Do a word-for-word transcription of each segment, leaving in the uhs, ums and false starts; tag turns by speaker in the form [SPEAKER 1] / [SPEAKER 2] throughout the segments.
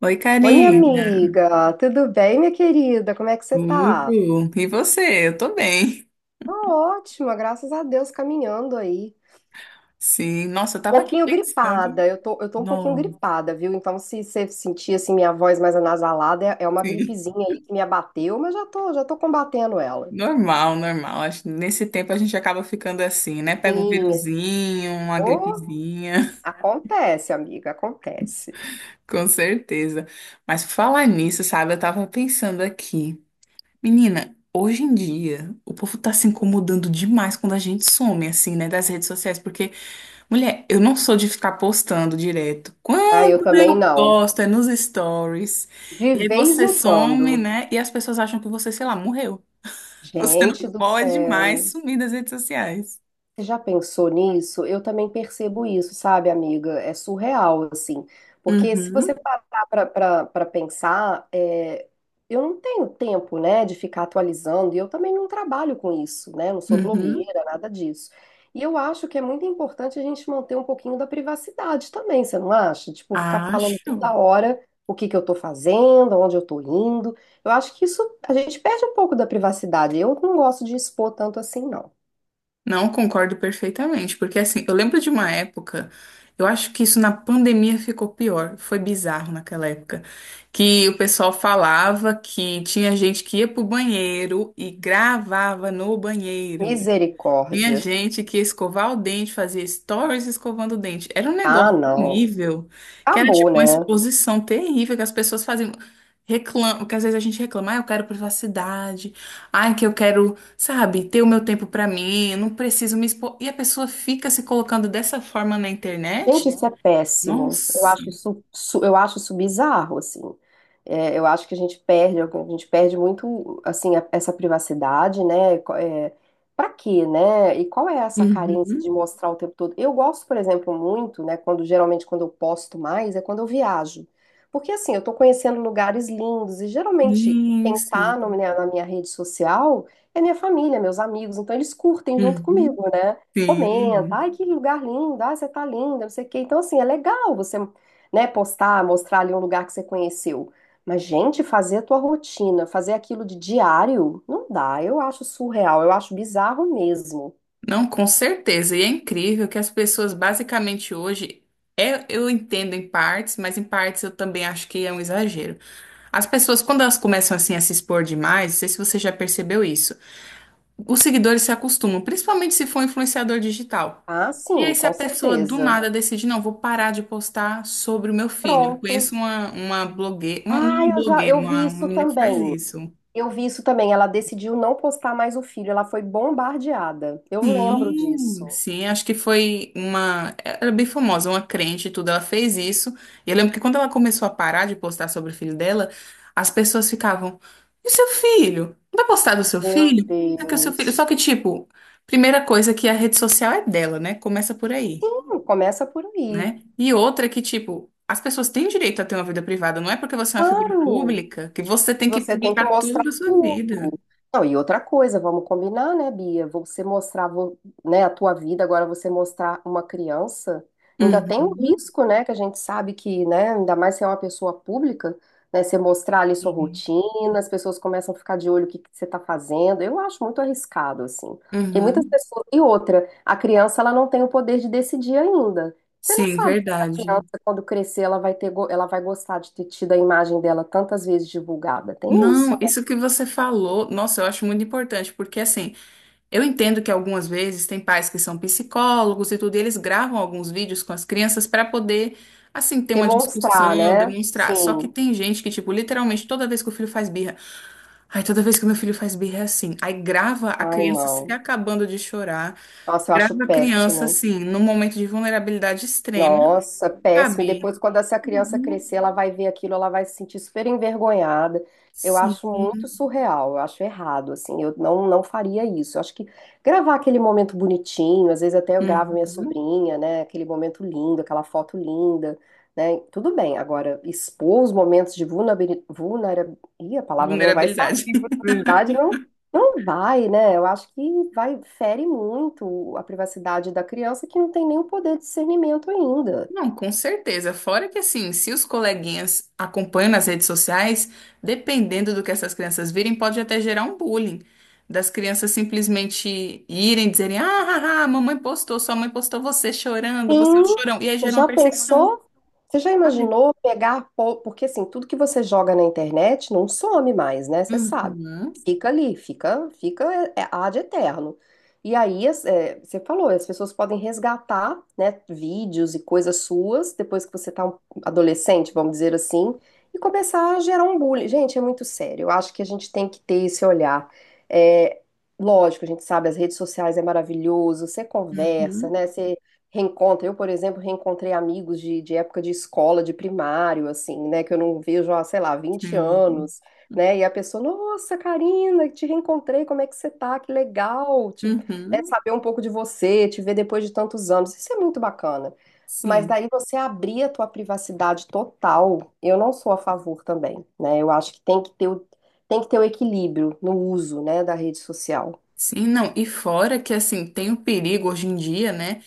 [SPEAKER 1] Oi,
[SPEAKER 2] Oi, minha
[SPEAKER 1] Karina.
[SPEAKER 2] amiga, tudo bem, minha querida? Como é que você tá?
[SPEAKER 1] Tudo? E você? Eu tô bem.
[SPEAKER 2] Tô ótima, graças a Deus, caminhando aí.
[SPEAKER 1] Sim, nossa, eu
[SPEAKER 2] Um
[SPEAKER 1] tava aqui
[SPEAKER 2] pouquinho gripada,
[SPEAKER 1] pensando.
[SPEAKER 2] eu tô, eu tô um pouquinho
[SPEAKER 1] Não,
[SPEAKER 2] gripada, viu? Então, se você sentir assim minha voz mais anasalada, é, é uma
[SPEAKER 1] sim.
[SPEAKER 2] gripezinha aí que me abateu, mas já tô, já tô combatendo ela.
[SPEAKER 1] Normal, normal. Acho que nesse tempo a gente acaba ficando assim, né? Pega um
[SPEAKER 2] Sim,
[SPEAKER 1] viruzinho, uma
[SPEAKER 2] ô,
[SPEAKER 1] gripezinha,
[SPEAKER 2] acontece, amiga, acontece.
[SPEAKER 1] com certeza. Mas por falar nisso, sabe? Eu tava pensando aqui. Menina, hoje em dia, o povo tá se incomodando demais quando a gente some, assim, né? Das redes sociais, porque mulher, eu não sou de ficar postando direto.
[SPEAKER 2] Ah,
[SPEAKER 1] Quando
[SPEAKER 2] eu também
[SPEAKER 1] eu
[SPEAKER 2] não.
[SPEAKER 1] posto é nos stories.
[SPEAKER 2] De
[SPEAKER 1] E aí
[SPEAKER 2] vez
[SPEAKER 1] você
[SPEAKER 2] em
[SPEAKER 1] some,
[SPEAKER 2] quando.
[SPEAKER 1] né? E as pessoas acham que você, sei lá, morreu. Você
[SPEAKER 2] Gente
[SPEAKER 1] não
[SPEAKER 2] do
[SPEAKER 1] pode mais
[SPEAKER 2] céu.
[SPEAKER 1] sumir das redes sociais.
[SPEAKER 2] Você já pensou nisso? Eu também percebo isso, sabe, amiga? É surreal, assim. Porque se você
[SPEAKER 1] Uhum,
[SPEAKER 2] parar para pensar, é, eu não tenho tempo, né, de ficar atualizando, e eu também não trabalho com isso, né? Não sou
[SPEAKER 1] uhum,
[SPEAKER 2] blogueira, nada disso. E eu acho que é muito importante a gente manter um pouquinho da privacidade também, você não acha? Tipo, ficar falando toda
[SPEAKER 1] acho.
[SPEAKER 2] hora o que que eu tô fazendo, onde eu tô indo. Eu acho que isso, a gente perde um pouco da privacidade. Eu não gosto de expor tanto assim, não.
[SPEAKER 1] Não, concordo perfeitamente, porque assim, eu lembro de uma época, eu acho que isso na pandemia ficou pior, foi bizarro naquela época, que o pessoal falava que tinha gente que ia pro banheiro e gravava no banheiro. Tinha
[SPEAKER 2] Misericórdia.
[SPEAKER 1] gente que ia escovar o dente, fazia stories escovando o dente. Era um
[SPEAKER 2] Ah,
[SPEAKER 1] negócio
[SPEAKER 2] não.
[SPEAKER 1] horrível, que era
[SPEAKER 2] Acabou,
[SPEAKER 1] tipo uma
[SPEAKER 2] né?
[SPEAKER 1] exposição terrível que as pessoas faziam. Reclam... Que às vezes a gente reclama, ah, eu quero privacidade, ai, que eu quero, sabe, ter o meu tempo pra mim, eu não preciso me expor. E a pessoa fica se colocando dessa forma na
[SPEAKER 2] Gente,
[SPEAKER 1] internet?
[SPEAKER 2] isso é péssimo. Eu
[SPEAKER 1] Nossa.
[SPEAKER 2] acho isso, su- eu acho isso bizarro, assim. É, eu acho que a gente perde, a gente perde muito, assim, a- essa privacidade, né? Co- É, para quê, né? E qual é essa carência de
[SPEAKER 1] Uhum.
[SPEAKER 2] mostrar o tempo todo? Eu gosto, por exemplo, muito, né? Quando geralmente quando eu posto mais é quando eu viajo, porque assim eu tô conhecendo lugares lindos e geralmente
[SPEAKER 1] Sim,
[SPEAKER 2] quem tá no-
[SPEAKER 1] sim.
[SPEAKER 2] na minha rede social é minha família, meus amigos, então eles curtem junto
[SPEAKER 1] Uhum.
[SPEAKER 2] comigo, né? Comenta,
[SPEAKER 1] Sim.
[SPEAKER 2] ai, que lugar lindo, ai, você tá linda, não sei o quê. Então, assim, é legal você, né, postar, mostrar ali um lugar que você conheceu. Mas, gente, fazer a tua rotina, fazer aquilo de diário, não dá. Eu acho surreal, eu acho bizarro mesmo.
[SPEAKER 1] Não, com certeza. E é incrível que as pessoas basicamente hoje é, eu entendo em partes, mas em partes eu também acho que é um exagero. As pessoas, quando elas começam assim a se expor demais, não sei se você já percebeu isso, os seguidores se acostumam, principalmente se for um influenciador digital.
[SPEAKER 2] Ah,
[SPEAKER 1] E
[SPEAKER 2] sim,
[SPEAKER 1] aí, se a
[SPEAKER 2] com
[SPEAKER 1] pessoa do
[SPEAKER 2] certeza.
[SPEAKER 1] nada decide, não, vou parar de postar sobre o meu filho. Eu
[SPEAKER 2] Pronto.
[SPEAKER 1] conheço uma, uma blogueira, uma,
[SPEAKER 2] Ah,
[SPEAKER 1] uma
[SPEAKER 2] eu já,
[SPEAKER 1] blogueira,
[SPEAKER 2] eu vi
[SPEAKER 1] uma, uma
[SPEAKER 2] isso
[SPEAKER 1] menina que faz
[SPEAKER 2] também.
[SPEAKER 1] isso.
[SPEAKER 2] Eu vi isso também. Ela decidiu não postar mais o filho, ela foi bombardeada. Eu lembro
[SPEAKER 1] Sim,
[SPEAKER 2] disso.
[SPEAKER 1] sim, acho que foi uma. Era bem famosa, uma crente e tudo. Ela fez isso. E eu lembro que quando ela começou a parar de postar sobre o filho dela, as pessoas ficavam: E o seu filho? Não vai postar do seu
[SPEAKER 2] Meu
[SPEAKER 1] filho? É que o seu filho.
[SPEAKER 2] Deus.
[SPEAKER 1] Só que, tipo, primeira coisa que a rede social é dela, né? Começa por aí,
[SPEAKER 2] Sim, começa por aí.
[SPEAKER 1] né? E outra é que, tipo, as pessoas têm direito a ter uma vida privada. Não é porque você é uma figura
[SPEAKER 2] Claro.
[SPEAKER 1] pública que você tem que
[SPEAKER 2] Você tem que
[SPEAKER 1] publicar tudo
[SPEAKER 2] mostrar
[SPEAKER 1] da sua
[SPEAKER 2] tudo.
[SPEAKER 1] vida.
[SPEAKER 2] Não, e outra coisa, vamos combinar, né, Bia? Você mostrar, vo- né, a tua vida, agora você mostrar uma criança, ainda tem um
[SPEAKER 1] Uhum.
[SPEAKER 2] risco, né, que a gente sabe que, né, ainda mais se é uma pessoa pública, né, você mostrar ali sua rotina, as pessoas começam a ficar de olho o que que você tá fazendo. Eu acho muito arriscado, assim. Tem muitas
[SPEAKER 1] Uhum.
[SPEAKER 2] pessoas. E outra, a criança, ela não tem o poder de decidir ainda. Você não
[SPEAKER 1] Sim,
[SPEAKER 2] sabe se essa
[SPEAKER 1] verdade.
[SPEAKER 2] criança, quando crescer, ela vai ter, go- ela vai gostar de ter tido a imagem dela tantas vezes divulgada. Tem isso.
[SPEAKER 1] Não, isso que você falou, nossa, eu acho muito importante, porque assim, eu entendo que algumas vezes tem pais que são psicólogos e tudo, e eles gravam alguns vídeos com as crianças para poder, assim, ter uma
[SPEAKER 2] Demonstrar,
[SPEAKER 1] discussão,
[SPEAKER 2] né?
[SPEAKER 1] demonstrar. Só que
[SPEAKER 2] Sim.
[SPEAKER 1] tem gente que, tipo, literalmente toda vez que o filho faz birra, ai, toda vez que meu filho faz birra é assim. Aí grava a
[SPEAKER 2] Ai,
[SPEAKER 1] criança se
[SPEAKER 2] não.
[SPEAKER 1] acabando de chorar,
[SPEAKER 2] Nossa, eu acho
[SPEAKER 1] grava a criança,
[SPEAKER 2] péssimo.
[SPEAKER 1] assim, num momento de vulnerabilidade extrema,
[SPEAKER 2] Nossa, péssimo. E
[SPEAKER 1] sabe?
[SPEAKER 2] depois, quando essa criança crescer,
[SPEAKER 1] Uhum,
[SPEAKER 2] ela vai ver aquilo, ela vai se sentir super envergonhada. Eu
[SPEAKER 1] sim.
[SPEAKER 2] acho muito surreal, eu acho errado, assim, eu não, não faria isso. Eu acho que gravar aquele momento bonitinho, às vezes até eu gravo minha
[SPEAKER 1] Uhum.
[SPEAKER 2] sobrinha, né? Aquele momento lindo, aquela foto linda, né? Tudo bem. Agora, expor os momentos de vulnerabilidade, vulnerabilidade, Ih, a palavra não vai
[SPEAKER 1] Vulnerabilidade.
[SPEAKER 2] verdade não, não vai, né? Eu acho que vai, fere muito a privacidade da criança que não tem nem o poder de discernimento ainda.
[SPEAKER 1] Não, com certeza. Fora que, assim, se os coleguinhas acompanham nas redes sociais, dependendo do que essas crianças virem, pode até gerar um bullying. Das crianças simplesmente irem, dizerem: Ah, ah, ah, mamãe postou, sua mãe postou você chorando, você é um
[SPEAKER 2] Sim,
[SPEAKER 1] chorão. E aí
[SPEAKER 2] você
[SPEAKER 1] gera uma
[SPEAKER 2] já
[SPEAKER 1] perseguição,
[SPEAKER 2] pensou? Você já
[SPEAKER 1] sabe?
[SPEAKER 2] imaginou pegar, po- porque assim, tudo que você joga na internet não some mais, né? Você sabe.
[SPEAKER 1] Uhum,
[SPEAKER 2] Fica ali, fica, fica é, é ad eterno. E aí, as- é, você falou, as pessoas podem resgatar, né, vídeos e coisas suas, depois que você tá um adolescente, vamos dizer assim, e começar a gerar um bullying. Gente, é muito sério. Eu acho que a gente tem que ter esse olhar. É, lógico, a gente sabe, as redes sociais é maravilhoso, você conversa,
[SPEAKER 1] uhum,
[SPEAKER 2] né? Reencontra. Eu, por exemplo, reencontrei amigos de, de época de escola, de primário, assim, né? Que eu não vejo há, sei lá, vinte
[SPEAKER 1] sim,
[SPEAKER 2] anos, né? E a pessoa, nossa, Karina, te reencontrei, como é que você tá? Que legal, te, né,
[SPEAKER 1] uhum,
[SPEAKER 2] saber um pouco de você, te ver depois de tantos anos. Isso é muito bacana. Mas
[SPEAKER 1] sim.
[SPEAKER 2] daí você abrir a tua privacidade total, eu não sou a favor também, né? Eu acho que tem que ter o, tem que ter o equilíbrio no uso, né, da rede social.
[SPEAKER 1] Sim, não. E fora que, assim, tem o perigo hoje em dia, né?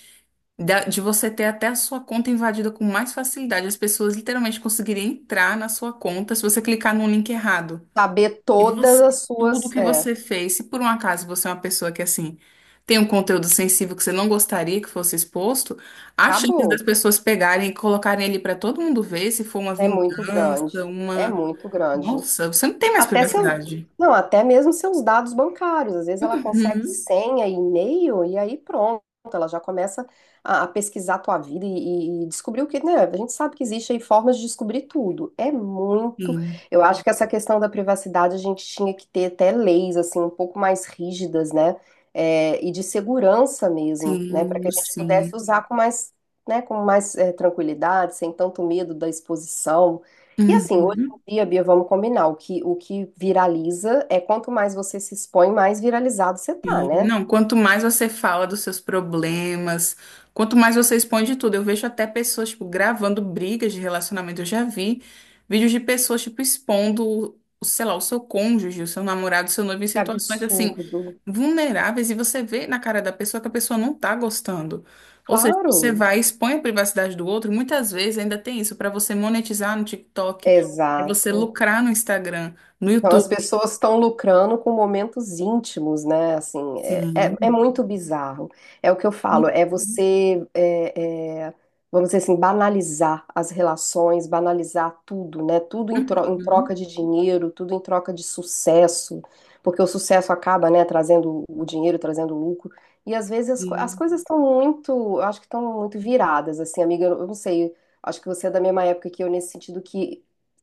[SPEAKER 1] da- De você ter até a sua conta invadida com mais facilidade. As pessoas literalmente conseguiriam entrar na sua conta se você clicar num link errado.
[SPEAKER 2] Saber
[SPEAKER 1] E
[SPEAKER 2] todas
[SPEAKER 1] você,
[SPEAKER 2] as
[SPEAKER 1] tudo
[SPEAKER 2] suas,
[SPEAKER 1] que
[SPEAKER 2] é,
[SPEAKER 1] você fez, se por um acaso você é uma pessoa que assim tem um conteúdo sensível que você não gostaria que fosse exposto, as chances das
[SPEAKER 2] acabou.
[SPEAKER 1] pessoas pegarem e colocarem ele para todo mundo ver se for uma
[SPEAKER 2] É muito
[SPEAKER 1] vingança,
[SPEAKER 2] grande. É
[SPEAKER 1] uma.
[SPEAKER 2] muito grande.
[SPEAKER 1] Nossa, você não tem mais
[SPEAKER 2] Até seu,
[SPEAKER 1] privacidade.
[SPEAKER 2] não, até mesmo seus dados bancários. Às vezes ela consegue
[SPEAKER 1] Uhum.
[SPEAKER 2] senha, e-mail, e aí pronto, ela já começa a, a pesquisar a tua vida e, e descobrir o que, né? A gente sabe que existe aí formas de descobrir tudo. É muito.
[SPEAKER 1] Sim,
[SPEAKER 2] Eu acho que essa questão da privacidade a gente tinha que ter até leis assim um pouco mais rígidas, né? É, e de segurança mesmo, né? Para que a
[SPEAKER 1] sim,
[SPEAKER 2] gente
[SPEAKER 1] sim.
[SPEAKER 2] pudesse usar com mais, né? Com mais eh, tranquilidade, sem tanto medo da exposição. E assim,
[SPEAKER 1] Uhum.
[SPEAKER 2] Bia, Bia, vamos combinar. O que, o que viraliza é quanto mais você se expõe, mais viralizado você tá,
[SPEAKER 1] E,
[SPEAKER 2] né?
[SPEAKER 1] não, quanto mais você fala dos seus problemas, quanto mais você expõe de tudo. Eu vejo até pessoas, tipo, gravando brigas de relacionamento. Eu já vi vídeos de pessoas, tipo, expondo, o- sei lá, o seu cônjuge, o seu namorado, o seu noivo em
[SPEAKER 2] Que
[SPEAKER 1] situações, assim,
[SPEAKER 2] absurdo.
[SPEAKER 1] vulneráveis. E você vê na cara da pessoa que a pessoa não tá gostando. Ou seja, você
[SPEAKER 2] Claro.
[SPEAKER 1] vai e expõe a privacidade do outro. Muitas vezes ainda tem isso, para você monetizar no TikTok, é você
[SPEAKER 2] Exato.
[SPEAKER 1] lucrar no Instagram, no
[SPEAKER 2] Então, as
[SPEAKER 1] YouTube.
[SPEAKER 2] pessoas estão lucrando com momentos íntimos, né? Assim, é, é, é
[SPEAKER 1] Sim.
[SPEAKER 2] muito bizarro. É o que eu falo, é
[SPEAKER 1] Uhum.
[SPEAKER 2] você, é, é, vamos dizer assim, banalizar as relações, banalizar tudo, né? Tudo em, tro- em
[SPEAKER 1] Uhum.
[SPEAKER 2] troca de dinheiro, tudo em troca de sucesso, porque o sucesso acaba, né, trazendo o dinheiro, trazendo lucro. E às vezes as, co- as
[SPEAKER 1] Sim,
[SPEAKER 2] coisas estão muito, eu acho que estão muito viradas, assim, amiga, eu eu não sei. Acho que você é da mesma época que eu, nesse sentido que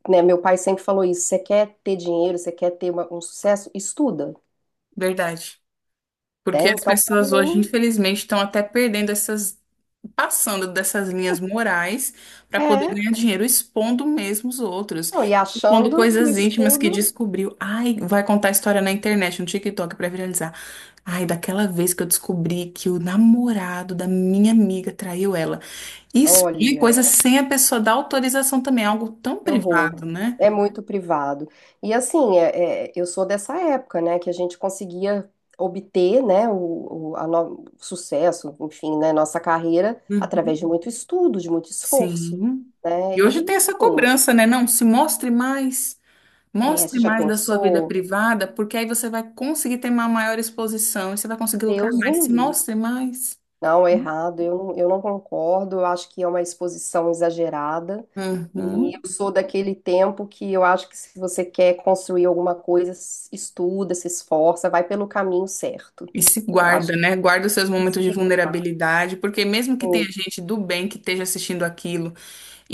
[SPEAKER 2] né, meu pai sempre falou isso, você quer ter dinheiro, você quer ter uma- um sucesso, estuda,
[SPEAKER 1] verdade.
[SPEAKER 2] né?
[SPEAKER 1] Porque as
[SPEAKER 2] Então, para
[SPEAKER 1] pessoas hoje,
[SPEAKER 2] mim,
[SPEAKER 1] infelizmente, estão até perdendo essas, passando dessas linhas morais para poder
[SPEAKER 2] é,
[SPEAKER 1] ganhar dinheiro, expondo mesmo os outros,
[SPEAKER 2] não, e
[SPEAKER 1] expondo
[SPEAKER 2] achando que o
[SPEAKER 1] coisas íntimas que
[SPEAKER 2] estudo,
[SPEAKER 1] descobriu. Ai, vai contar a história na internet, no TikTok para viralizar. Ai, daquela vez que eu descobri que o namorado da minha amiga traiu ela. Isso é
[SPEAKER 2] olha,
[SPEAKER 1] coisa sem a pessoa dar autorização também, é algo tão
[SPEAKER 2] que horror,
[SPEAKER 1] privado, né?
[SPEAKER 2] é muito privado. E assim, é- é, eu sou dessa época, né, que a gente conseguia obter, né, o, o- a no- o sucesso, enfim, né, nossa carreira através de
[SPEAKER 1] Uhum.
[SPEAKER 2] muito estudo, de muito esforço,
[SPEAKER 1] Sim.
[SPEAKER 2] né?
[SPEAKER 1] E hoje
[SPEAKER 2] E
[SPEAKER 1] tem
[SPEAKER 2] assim,
[SPEAKER 1] essa cobrança, né? Não, se mostre mais,
[SPEAKER 2] é, você
[SPEAKER 1] mostre
[SPEAKER 2] já
[SPEAKER 1] mais da sua vida
[SPEAKER 2] pensou?
[SPEAKER 1] privada, porque aí você vai conseguir ter uma maior exposição e você vai conseguir lucrar
[SPEAKER 2] Deus
[SPEAKER 1] mais.
[SPEAKER 2] me
[SPEAKER 1] Se
[SPEAKER 2] livre.
[SPEAKER 1] mostre mais.
[SPEAKER 2] Não, é errado, eu, não- eu não concordo, eu acho que é uma exposição exagerada. E
[SPEAKER 1] Uhum.
[SPEAKER 2] eu sou daquele tempo que eu acho que se você quer construir alguma coisa, s- estuda, se esforça, vai pelo caminho certo.
[SPEAKER 1] E se
[SPEAKER 2] Eu acho
[SPEAKER 1] guarda, né? Guarda os seus
[SPEAKER 2] que
[SPEAKER 1] momentos de
[SPEAKER 2] se-
[SPEAKER 1] vulnerabilidade, porque mesmo que tenha
[SPEAKER 2] assim,
[SPEAKER 1] gente do bem que esteja assistindo aquilo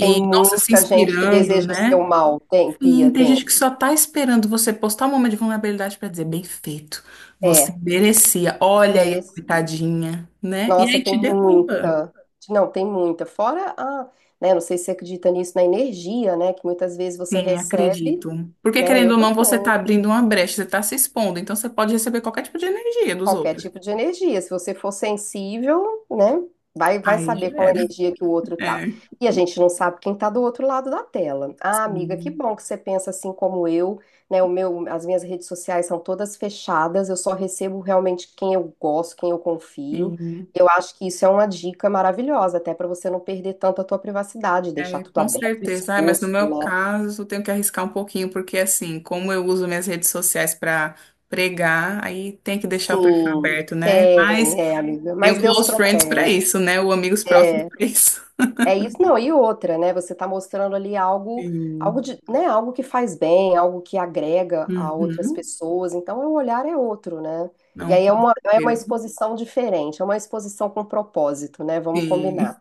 [SPEAKER 2] tem
[SPEAKER 1] nossa, se
[SPEAKER 2] muita gente que
[SPEAKER 1] inspirando,
[SPEAKER 2] deseja o seu
[SPEAKER 1] né?
[SPEAKER 2] mal. Tem, Pia,
[SPEAKER 1] Sim, tem
[SPEAKER 2] tem.
[SPEAKER 1] gente que só tá esperando você postar um momento de vulnerabilidade pra dizer, bem feito, você
[SPEAKER 2] É,
[SPEAKER 1] merecia, olha aí, a
[SPEAKER 2] merecia.
[SPEAKER 1] coitadinha, né? E
[SPEAKER 2] Nossa,
[SPEAKER 1] aí te
[SPEAKER 2] tem
[SPEAKER 1] derruba.
[SPEAKER 2] muita. Não, tem muita. Fora a, né, não sei se você acredita nisso, na energia, né, que muitas vezes você
[SPEAKER 1] Sim,
[SPEAKER 2] recebe,
[SPEAKER 1] acredito. Porque
[SPEAKER 2] né,
[SPEAKER 1] querendo
[SPEAKER 2] eu
[SPEAKER 1] ou não, você tá
[SPEAKER 2] também.
[SPEAKER 1] abrindo uma brecha, você tá se expondo, então você pode receber qualquer tipo de energia dos
[SPEAKER 2] Qualquer
[SPEAKER 1] outros.
[SPEAKER 2] tipo de energia. Se você for sensível, né? Vai, vai
[SPEAKER 1] Aí
[SPEAKER 2] saber
[SPEAKER 1] já
[SPEAKER 2] qual
[SPEAKER 1] era.
[SPEAKER 2] energia que o outro tá.
[SPEAKER 1] É,
[SPEAKER 2] E a gente não sabe quem tá do outro lado da tela. Ah, amiga, que
[SPEAKER 1] sim,
[SPEAKER 2] bom que você pensa assim como eu, né? O meu, as minhas redes sociais são todas fechadas, eu só recebo realmente quem eu gosto, quem eu confio.
[SPEAKER 1] sim.
[SPEAKER 2] Eu acho que isso é uma dica maravilhosa, até para você não perder tanto a tua privacidade, deixar
[SPEAKER 1] É,
[SPEAKER 2] tudo
[SPEAKER 1] com
[SPEAKER 2] aberto,
[SPEAKER 1] certeza. Ai, mas no
[SPEAKER 2] exposto,
[SPEAKER 1] meu
[SPEAKER 2] né?
[SPEAKER 1] caso, eu tenho que arriscar um pouquinho, porque assim, como eu uso minhas redes sociais para pregar, aí tem que deixar o perfil
[SPEAKER 2] Sim,
[SPEAKER 1] aberto, né? Mas
[SPEAKER 2] tem, é, amiga.
[SPEAKER 1] tem o
[SPEAKER 2] Mas Deus
[SPEAKER 1] close friends pra
[SPEAKER 2] protege.
[SPEAKER 1] isso, né? O amigos próximos
[SPEAKER 2] É.
[SPEAKER 1] pra isso.
[SPEAKER 2] É isso, não, e outra, né? Você tá mostrando ali algo, algo
[SPEAKER 1] Sim.
[SPEAKER 2] de, né, algo que faz bem, algo que agrega a outras
[SPEAKER 1] Uhum.
[SPEAKER 2] pessoas, então o olhar é outro, né? E
[SPEAKER 1] Não,
[SPEAKER 2] aí é
[SPEAKER 1] com
[SPEAKER 2] uma, é uma
[SPEAKER 1] certeza.
[SPEAKER 2] exposição diferente, é uma exposição com propósito, né? Vamos combinar.
[SPEAKER 1] Sim.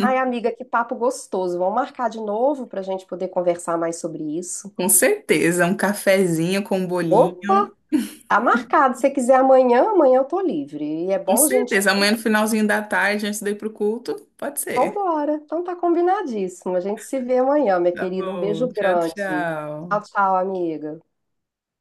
[SPEAKER 2] Ai, amiga, que papo gostoso. Vamos marcar de novo para a gente poder conversar mais sobre isso.
[SPEAKER 1] Com certeza. Um cafezinho com um
[SPEAKER 2] Opa,
[SPEAKER 1] bolinho.
[SPEAKER 2] tá marcado. Se você quiser amanhã, amanhã eu tô livre. E é
[SPEAKER 1] Com
[SPEAKER 2] bom a gente,
[SPEAKER 1] certeza.
[SPEAKER 2] né?
[SPEAKER 1] Amanhã no finalzinho da tarde, antes de ir pro culto, pode ser.
[SPEAKER 2] Vambora. Então tá combinadíssimo. A gente se vê amanhã, minha
[SPEAKER 1] Tá
[SPEAKER 2] querida. Um
[SPEAKER 1] bom.
[SPEAKER 2] beijo
[SPEAKER 1] Tchau,
[SPEAKER 2] grande. Tchau,
[SPEAKER 1] tchau.
[SPEAKER 2] tchau, amiga.